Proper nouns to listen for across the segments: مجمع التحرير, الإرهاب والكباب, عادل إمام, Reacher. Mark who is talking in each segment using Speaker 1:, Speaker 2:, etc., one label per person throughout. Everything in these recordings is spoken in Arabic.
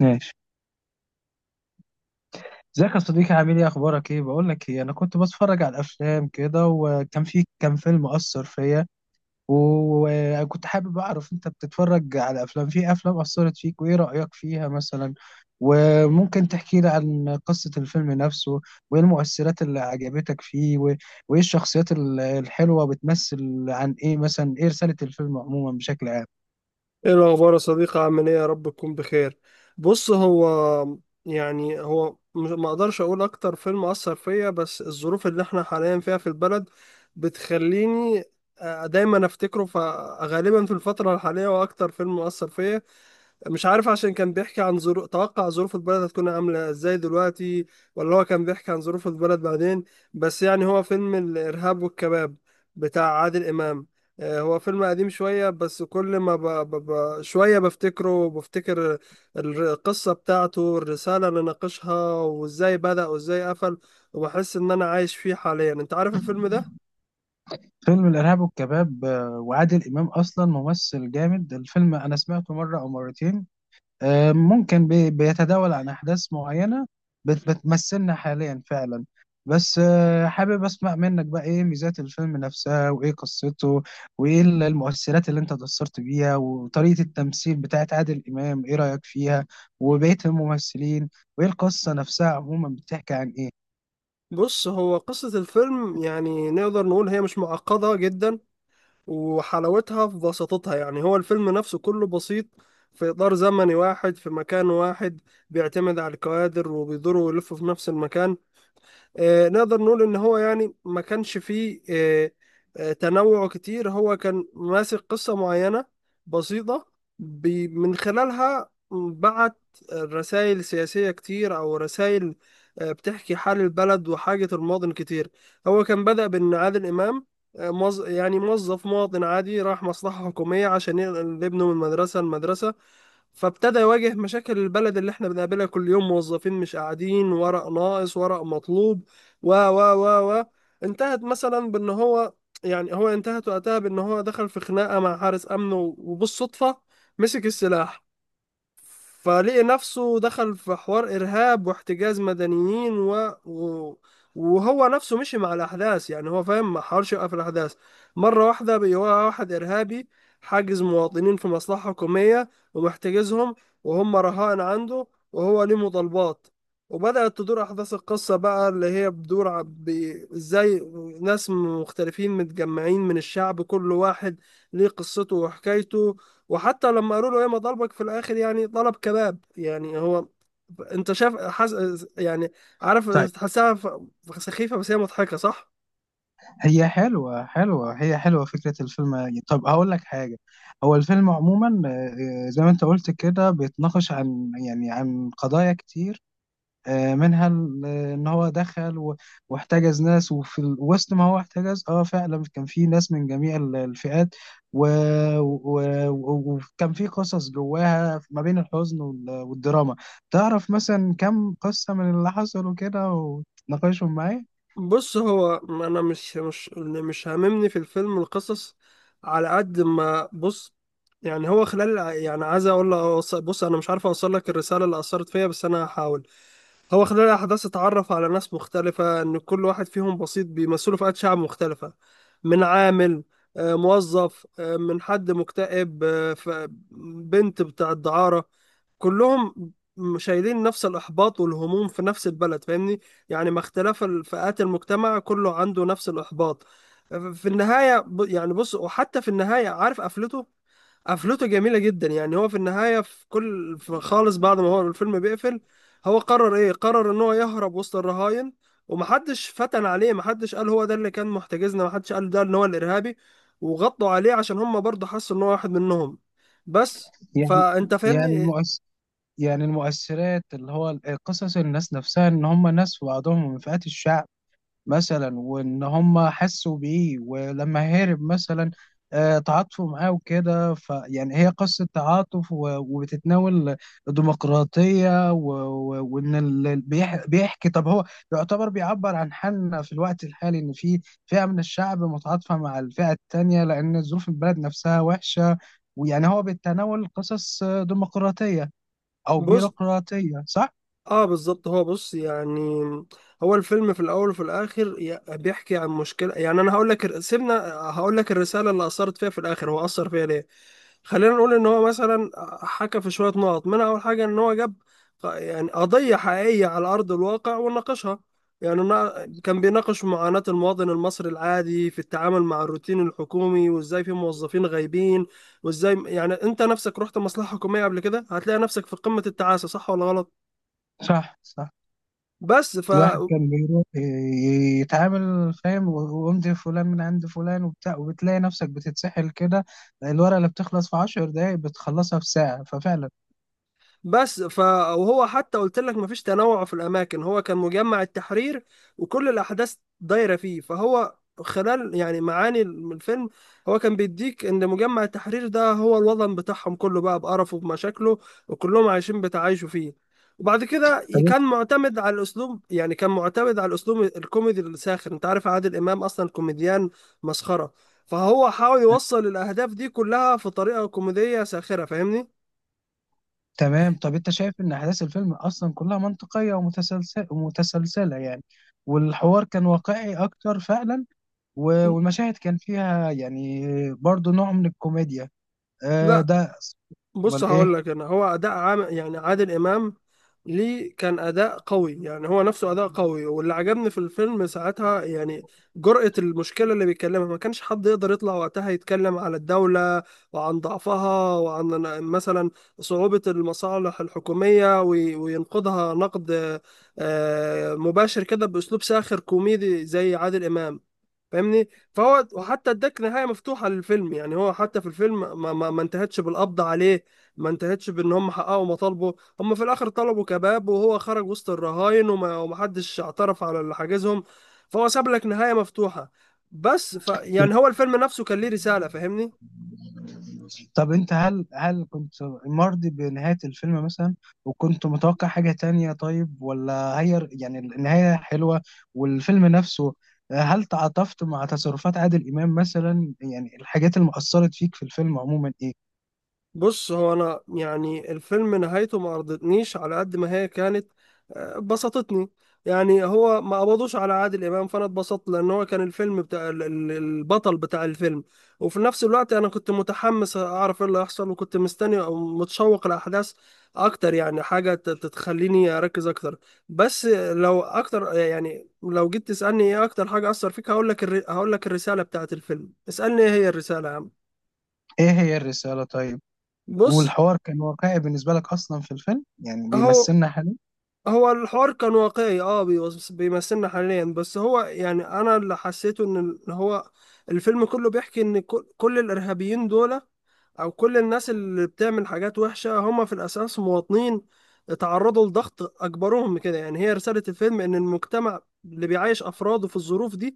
Speaker 1: ماشي. ازيك يا صديقي، عامل ايه، اخبارك، ايه بقول لك ايه، انا كنت بتفرج على الافلام كده وكان في كام فيلم اثر فيا، وكنت حابب اعرف انت بتتفرج على افلام، في افلام اثرت فيك وايه رايك فيها مثلا، وممكن تحكي لي عن قصه الفيلم نفسه، وايه المؤثرات اللي عجبتك فيه وايه الشخصيات الحلوه، بتمثل عن ايه، مثلا ايه رساله الفيلم عموما بشكل عام.
Speaker 2: ايه الاخبار يا صديقي؟ عامل ايه؟ يا رب تكون بخير. بص، هو ما اقدرش اقول اكتر فيلم اثر فيا، بس الظروف اللي احنا حاليا فيها في البلد بتخليني، دايما افتكره، فغالبا في الفترة الحالية. واكتر فيلم اثر فيا، مش عارف عشان كان بيحكي عن ظروف، توقع ظروف البلد هتكون عاملة ازاي دلوقتي، ولا هو كان بيحكي عن ظروف البلد بعدين، بس يعني هو فيلم الإرهاب والكباب بتاع عادل إمام. هو فيلم قديم شوية، بس كل ما شوية بفتكره وبفتكر القصة بتاعته، الرسالة اللي ناقشها، وازاي بدأ وازاي قفل. وبحس ان انا عايش فيه حاليا. انت عارف الفيلم ده؟
Speaker 1: فيلم الارهاب والكباب، وعادل امام اصلا ممثل جامد. الفيلم انا سمعته مره او مرتين. ممكن بيتداول عن أحداث معينة بتمثلنا حاليا فعلا. بس حابب أسمع منك بقى إيه ميزات الفيلم نفسها، وإيه قصته، وإيه المؤثرات اللي أنت اتأثرت بيها، وطريقة التمثيل بتاعت عادل إمام إيه رأيك فيها وبقية الممثلين، وإيه القصة نفسها عموما بتحكي عن إيه.
Speaker 2: بص، هو قصة الفيلم يعني نقدر نقول هي مش معقدة جدا، وحلاوتها في بساطتها. يعني هو الفيلم نفسه كله بسيط، في إطار زمني واحد، في مكان واحد، بيعتمد على الكوادر، وبيدوروا ويلفوا في نفس المكان. نقدر نقول ان هو يعني ما كانش فيه تنوع كتير. هو كان ماسك قصة معينة بسيطة، من خلالها بعت رسائل سياسية كتير، او رسائل بتحكي حال البلد وحاجة المواطن كتير. هو كان بدأ بان عادل امام يعني موظف مواطن عادي راح مصلحة حكومية عشان ينقل ابنه من مدرسة لمدرسة، فابتدى يواجه مشاكل البلد اللي احنا بنقابلها كل يوم: موظفين مش قاعدين، ورق ناقص، ورق مطلوب، و انتهت مثلا بان هو انتهت وقتها بان هو دخل في خناقة مع حارس امن وبالصدفة مسك السلاح، فلقي نفسه دخل في حوار إرهاب واحتجاز مدنيين وهو نفسه مشي مع الأحداث. يعني هو فاهم، ما حاولش يوقف الأحداث. مرة واحدة بقى هو واحد إرهابي، حاجز مواطنين في مصلحة حكومية، ومحتجزهم وهم رهائن عنده، وهو ليه مطالبات. وبدأت تدور أحداث القصة بقى، اللي هي بتدور إزاي ناس مختلفين متجمعين من الشعب، كل واحد ليه قصته وحكايته. وحتى لما قالوا له ايه ما ضربك في الاخر؟ يعني ضرب كباب. يعني هو انت شايف يعني عارف
Speaker 1: طيب
Speaker 2: تحسها سخيفة، بس هي مضحكة صح.
Speaker 1: هي حلوة حلوة، هي حلوة فكرة الفيلم. طب هقول لك حاجة، هو الفيلم عموما، زي ما أنت قلت كده بيتناقش عن عن قضايا كتير، منها ان هو دخل واحتجز ناس، وفي وسط ما هو احتجز اه فعلا كان في ناس من جميع الفئات، و- وكان في قصص جواها ما بين الحزن والدراما. تعرف مثلا كم قصة من اللي حصلوا كده وتناقشهم معايا؟
Speaker 2: بص، هو انا مش هاممني في الفيلم القصص على قد ما، بص، يعني هو خلال يعني عايز اقول له بص انا مش عارف اوصل لك الرسالة اللي اثرت فيا، بس انا هحاول. هو خلال الأحداث اتعرف على ناس مختلفة، إن كل واحد فيهم بسيط، بيمثلوا فئات شعب مختلفة، من عامل، موظف، من حد مكتئب، بنت بتاع الدعارة، كلهم شايلين نفس الإحباط والهموم في نفس البلد. فاهمني؟ يعني مع اختلاف فئات المجتمع، كله عنده نفس الإحباط. في النهاية يعني بص، وحتى في النهاية، عارف قفلته؟ قفلته جميلة جدا. يعني هو في النهاية، في كل، في خالص، بعد ما هو الفيلم بيقفل، هو قرر ايه؟ قرر ان هو يهرب وسط الرهاين، ومحدش فتن عليه، محدش قال هو ده اللي كان محتجزنا، محدش قال ده ان هو الارهابي، وغطوا عليه عشان هم برضه حسوا ان هو واحد منهم، بس.
Speaker 1: يعني
Speaker 2: فانت
Speaker 1: يعني
Speaker 2: فاهمني.
Speaker 1: المؤس يعني المؤثرات اللي هو قصص الناس نفسها، ان هم ناس في بعضهم من فئات الشعب مثلا، وان هم حسوا بيه، ولما هرب مثلا تعاطفوا معاه وكده. فيعني هي قصة تعاطف وبتتناول الديمقراطية وان اللي بيحكي. طب هو يعتبر بيعبر عن حالنا في الوقت الحالي، ان في فئة من الشعب متعاطفة مع الفئة التانية لان ظروف البلد نفسها وحشة. ويعني هو بيتناول قصص ديمقراطية او
Speaker 2: جزء.
Speaker 1: بيروقراطية، صح؟
Speaker 2: اه بالظبط. هو بص يعني هو الفيلم في الاول وفي الاخر بيحكي عن مشكله. يعني انا هقول لك سيبنا، هقول لك الرساله اللي اثرت فيها في الاخر، هو اثر فيها ليه. خلينا نقول ان هو مثلا حكى في شويه نقط، منها اول حاجه ان هو جاب يعني قضيه حقيقيه على ارض الواقع وناقشها. يعني كان بيناقش معاناه المواطن المصري العادي في التعامل مع الروتين الحكومي، وازاي في موظفين غايبين، وازاي يعني انت نفسك رحت مصلحه حكوميه قبل كده، هتلاقي نفسك في قمه التعاسه، صح ولا غلط؟
Speaker 1: صح، صح.
Speaker 2: بس ف
Speaker 1: الواحد كان بيروح يتعامل، فاهم، وامضي فلان من عند فلان وبتاع، وبتلاقي نفسك بتتسحل كده. الورقة اللي بتخلص في عشر دقايق بتخلصها في ساعة، ففعلا.
Speaker 2: بس ف وهو حتى قلت لك مفيش تنوع في الاماكن، هو كان مجمع التحرير وكل الاحداث دايره فيه. فهو خلال يعني معاني الفيلم، هو كان بيديك ان مجمع التحرير ده هو الوطن بتاعهم كله، بقى بقرفه بمشاكله، وكلهم عايشين بتعايشوا فيه. وبعد كده
Speaker 1: طب
Speaker 2: كان معتمد على الاسلوب، يعني كان معتمد على الاسلوب الكوميدي الساخر. انت عارف عادل امام اصلا كوميديان مسخره، فهو حاول يوصل الاهداف دي كلها في طريقه كوميديه ساخره. فاهمني؟
Speaker 1: تمام، طب انت شايف ان احداث الفيلم اصلا كلها منطقية ومتسلسلة، ومتسلسلة يعني، والحوار كان واقعي اكتر فعلا، والمشاهد كان فيها يعني برضو نوع من الكوميديا، آه
Speaker 2: لا
Speaker 1: ده.
Speaker 2: بص،
Speaker 1: امال ايه.
Speaker 2: هقول لك انا، هو اداء عام يعني عادل امام، ليه كان اداء قوي. يعني هو نفسه اداء قوي. واللي عجبني في الفيلم ساعتها يعني جرأة المشكله اللي بيتكلمها، ما كانش حد يقدر يطلع وقتها يتكلم على الدوله وعن ضعفها، وعن مثلا صعوبه المصالح الحكوميه، وينقدها نقد مباشر كده باسلوب ساخر كوميدي زي عادل امام. فاهمني؟ فهو، وحتى اداك نهايه مفتوحه للفيلم. يعني هو حتى في الفيلم ما انتهتش بالقبض عليه، ما انتهتش بان هم حققوا مطالبه، هم في الاخر طلبوا كباب، وهو خرج وسط الرهاين، ومحدش اعترف على اللي حاجزهم. فهو ساب لك نهايه مفتوحه، بس ف يعني هو الفيلم نفسه كان ليه رساله. فاهمني؟
Speaker 1: طب انت، هل كنت مرضي بنهاية الفيلم مثلا، وكنت متوقع حاجة تانية، طيب؟ ولا هي يعني النهاية حلوة والفيلم نفسه؟ هل تعاطفت مع تصرفات عادل إمام مثلا؟ يعني الحاجات اللي مأثرت فيك في الفيلم عموما ايه؟
Speaker 2: بص، هو انا يعني الفيلم نهايته ما ارضتنيش، على قد ما هي كانت بسطتني. يعني هو ما قبضوش على عادل امام، فانا اتبسطت لان هو كان الفيلم بتاع البطل بتاع الفيلم. وفي نفس الوقت انا كنت متحمس اعرف ايه اللي هيحصل، وكنت مستني او متشوق الاحداث اكتر. يعني حاجه تتخليني اركز اكتر. بس لو اكتر، يعني لو جيت تسالني ايه اكتر حاجه اثر فيك، هقول لك هقول لك الرساله بتاعت الفيلم. اسالني ايه هي الرساله يا عم.
Speaker 1: ايه هي الرسالة، طيب؟
Speaker 2: بص،
Speaker 1: والحوار كان واقعي بالنسبة لك أصلا في الفيلم؟ يعني
Speaker 2: اهو،
Speaker 1: بيمثلنا؟
Speaker 2: هو الحوار كان واقعي، اه بيمثلنا حاليا، بس هو يعني انا اللي حسيته ان هو الفيلم كله بيحكي ان كل الارهابيين دول او كل الناس اللي بتعمل حاجات وحشة، هم في الاساس مواطنين اتعرضوا لضغط اجبرهم كده. يعني هي رسالة الفيلم، ان المجتمع اللي بيعيش افراده في الظروف دي،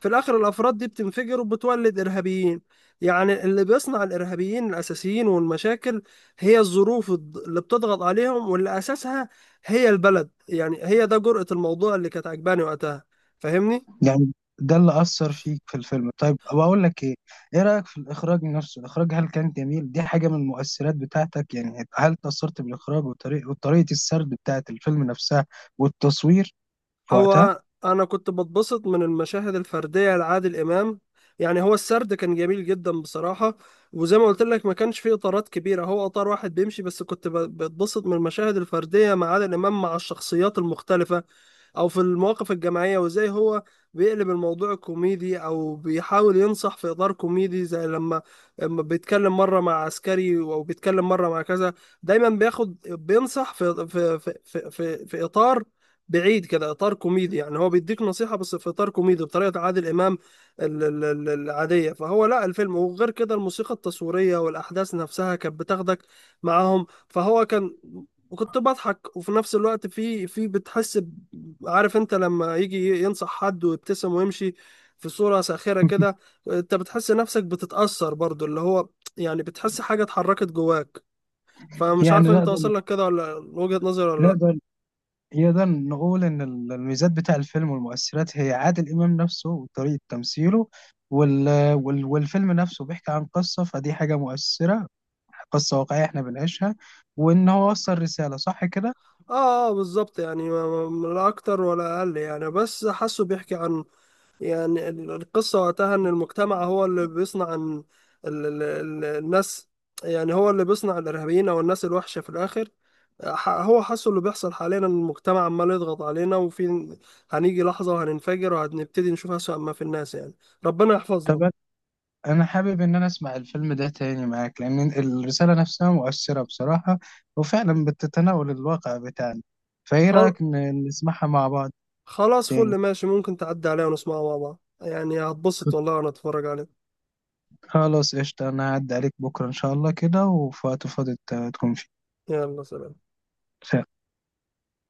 Speaker 2: في الاخر الافراد دي بتنفجر وبتولد ارهابيين. يعني اللي بيصنع الارهابيين الاساسيين والمشاكل، هي الظروف اللي بتضغط عليهم، واللي اساسها هي البلد. يعني هي ده جرأة الموضوع اللي كانت عجباني وقتها. فاهمني؟
Speaker 1: يعني ده اللي أثر فيك في الفيلم. طيب بقول لك إيه، إيه رأيك في الإخراج نفسه، الإخراج هل كان جميل؟ دي حاجة من المؤثرات بتاعتك يعني، هل تأثرت بالإخراج وطريقة وطريقة السرد بتاعة الفيلم نفسها والتصوير في وقتها؟
Speaker 2: هو انا كنت بتبسط من المشاهد الفردية لعادل امام. يعني هو السرد كان جميل جدا بصراحة، وزي ما قلت لك ما كانش فيه اطارات كبيرة، هو اطار واحد بيمشي، بس كنت بتبسط من المشاهد الفردية مع عادل امام مع الشخصيات المختلفة، او في المواقف الجماعيه، وازاي هو بيقلب الموضوع كوميدي، او بيحاول ينصح في اطار كوميدي. زي لما بيتكلم مره مع عسكري، او بيتكلم مره مع كذا، دايما بياخد بينصح في في اطار بعيد كده، اطار كوميدي. يعني هو بيديك نصيحه بس في اطار كوميدي بطريقه عادل امام العاديه. فهو لا الفيلم، وغير كده الموسيقى التصويريه والاحداث نفسها كانت بتاخدك معاهم. فهو كان، وكنت بضحك، وفي نفس الوقت في بتحس عارف انت لما يجي ينصح حد ويبتسم ويمشي في صورة ساخرة كده، انت بتحس نفسك بتتأثر برضو، اللي هو يعني بتحس حاجة اتحركت جواك. فمش عارف
Speaker 1: يعني
Speaker 2: انت واصل لك كده ولا وجهة نظري، ولا لا.
Speaker 1: نقدر نقدر نقول إن الميزات بتاع الفيلم والمؤثرات هي عادل إمام نفسه وطريقة تمثيله، وال... والفيلم نفسه بيحكي عن قصة، فدي حاجة مؤثرة، قصة واقعية احنا بنعيشها، وان هو وصل رسالة، صح كده؟
Speaker 2: اه اه بالظبط. يعني لا اكتر ولا اقل، يعني بس حاسه بيحكي عن، يعني القصة وقتها ان المجتمع هو اللي بيصنع ان الناس، يعني هو اللي بيصنع الارهابيين او الناس الوحشة في الاخر. هو حاسه اللي بيحصل حاليا، إن المجتمع عمال يضغط علينا، وفي هنيجي لحظة وهننفجر، وهنبتدي نشوف أسوأ ما في الناس يعني. ربنا يحفظنا.
Speaker 1: طب انا حابب ان انا اسمع الفيلم ده تاني معاك، لان الرسالة نفسها مؤثرة بصراحة، وفعلا بتتناول الواقع بتاعنا. فايه
Speaker 2: خل...
Speaker 1: رأيك نسمعها مع بعض
Speaker 2: خلاص فل
Speaker 1: تاني؟
Speaker 2: ماشي، ممكن تعدي عليها ونسمعها مع بعض. يعني هتبسط والله وأنا أتفرج عليه.
Speaker 1: خلاص قشطة، انا هعدي عليك بكرة ان شاء الله كده، وفي وقت فاضي تكون فيه.
Speaker 2: يلا، سلام.
Speaker 1: سلام.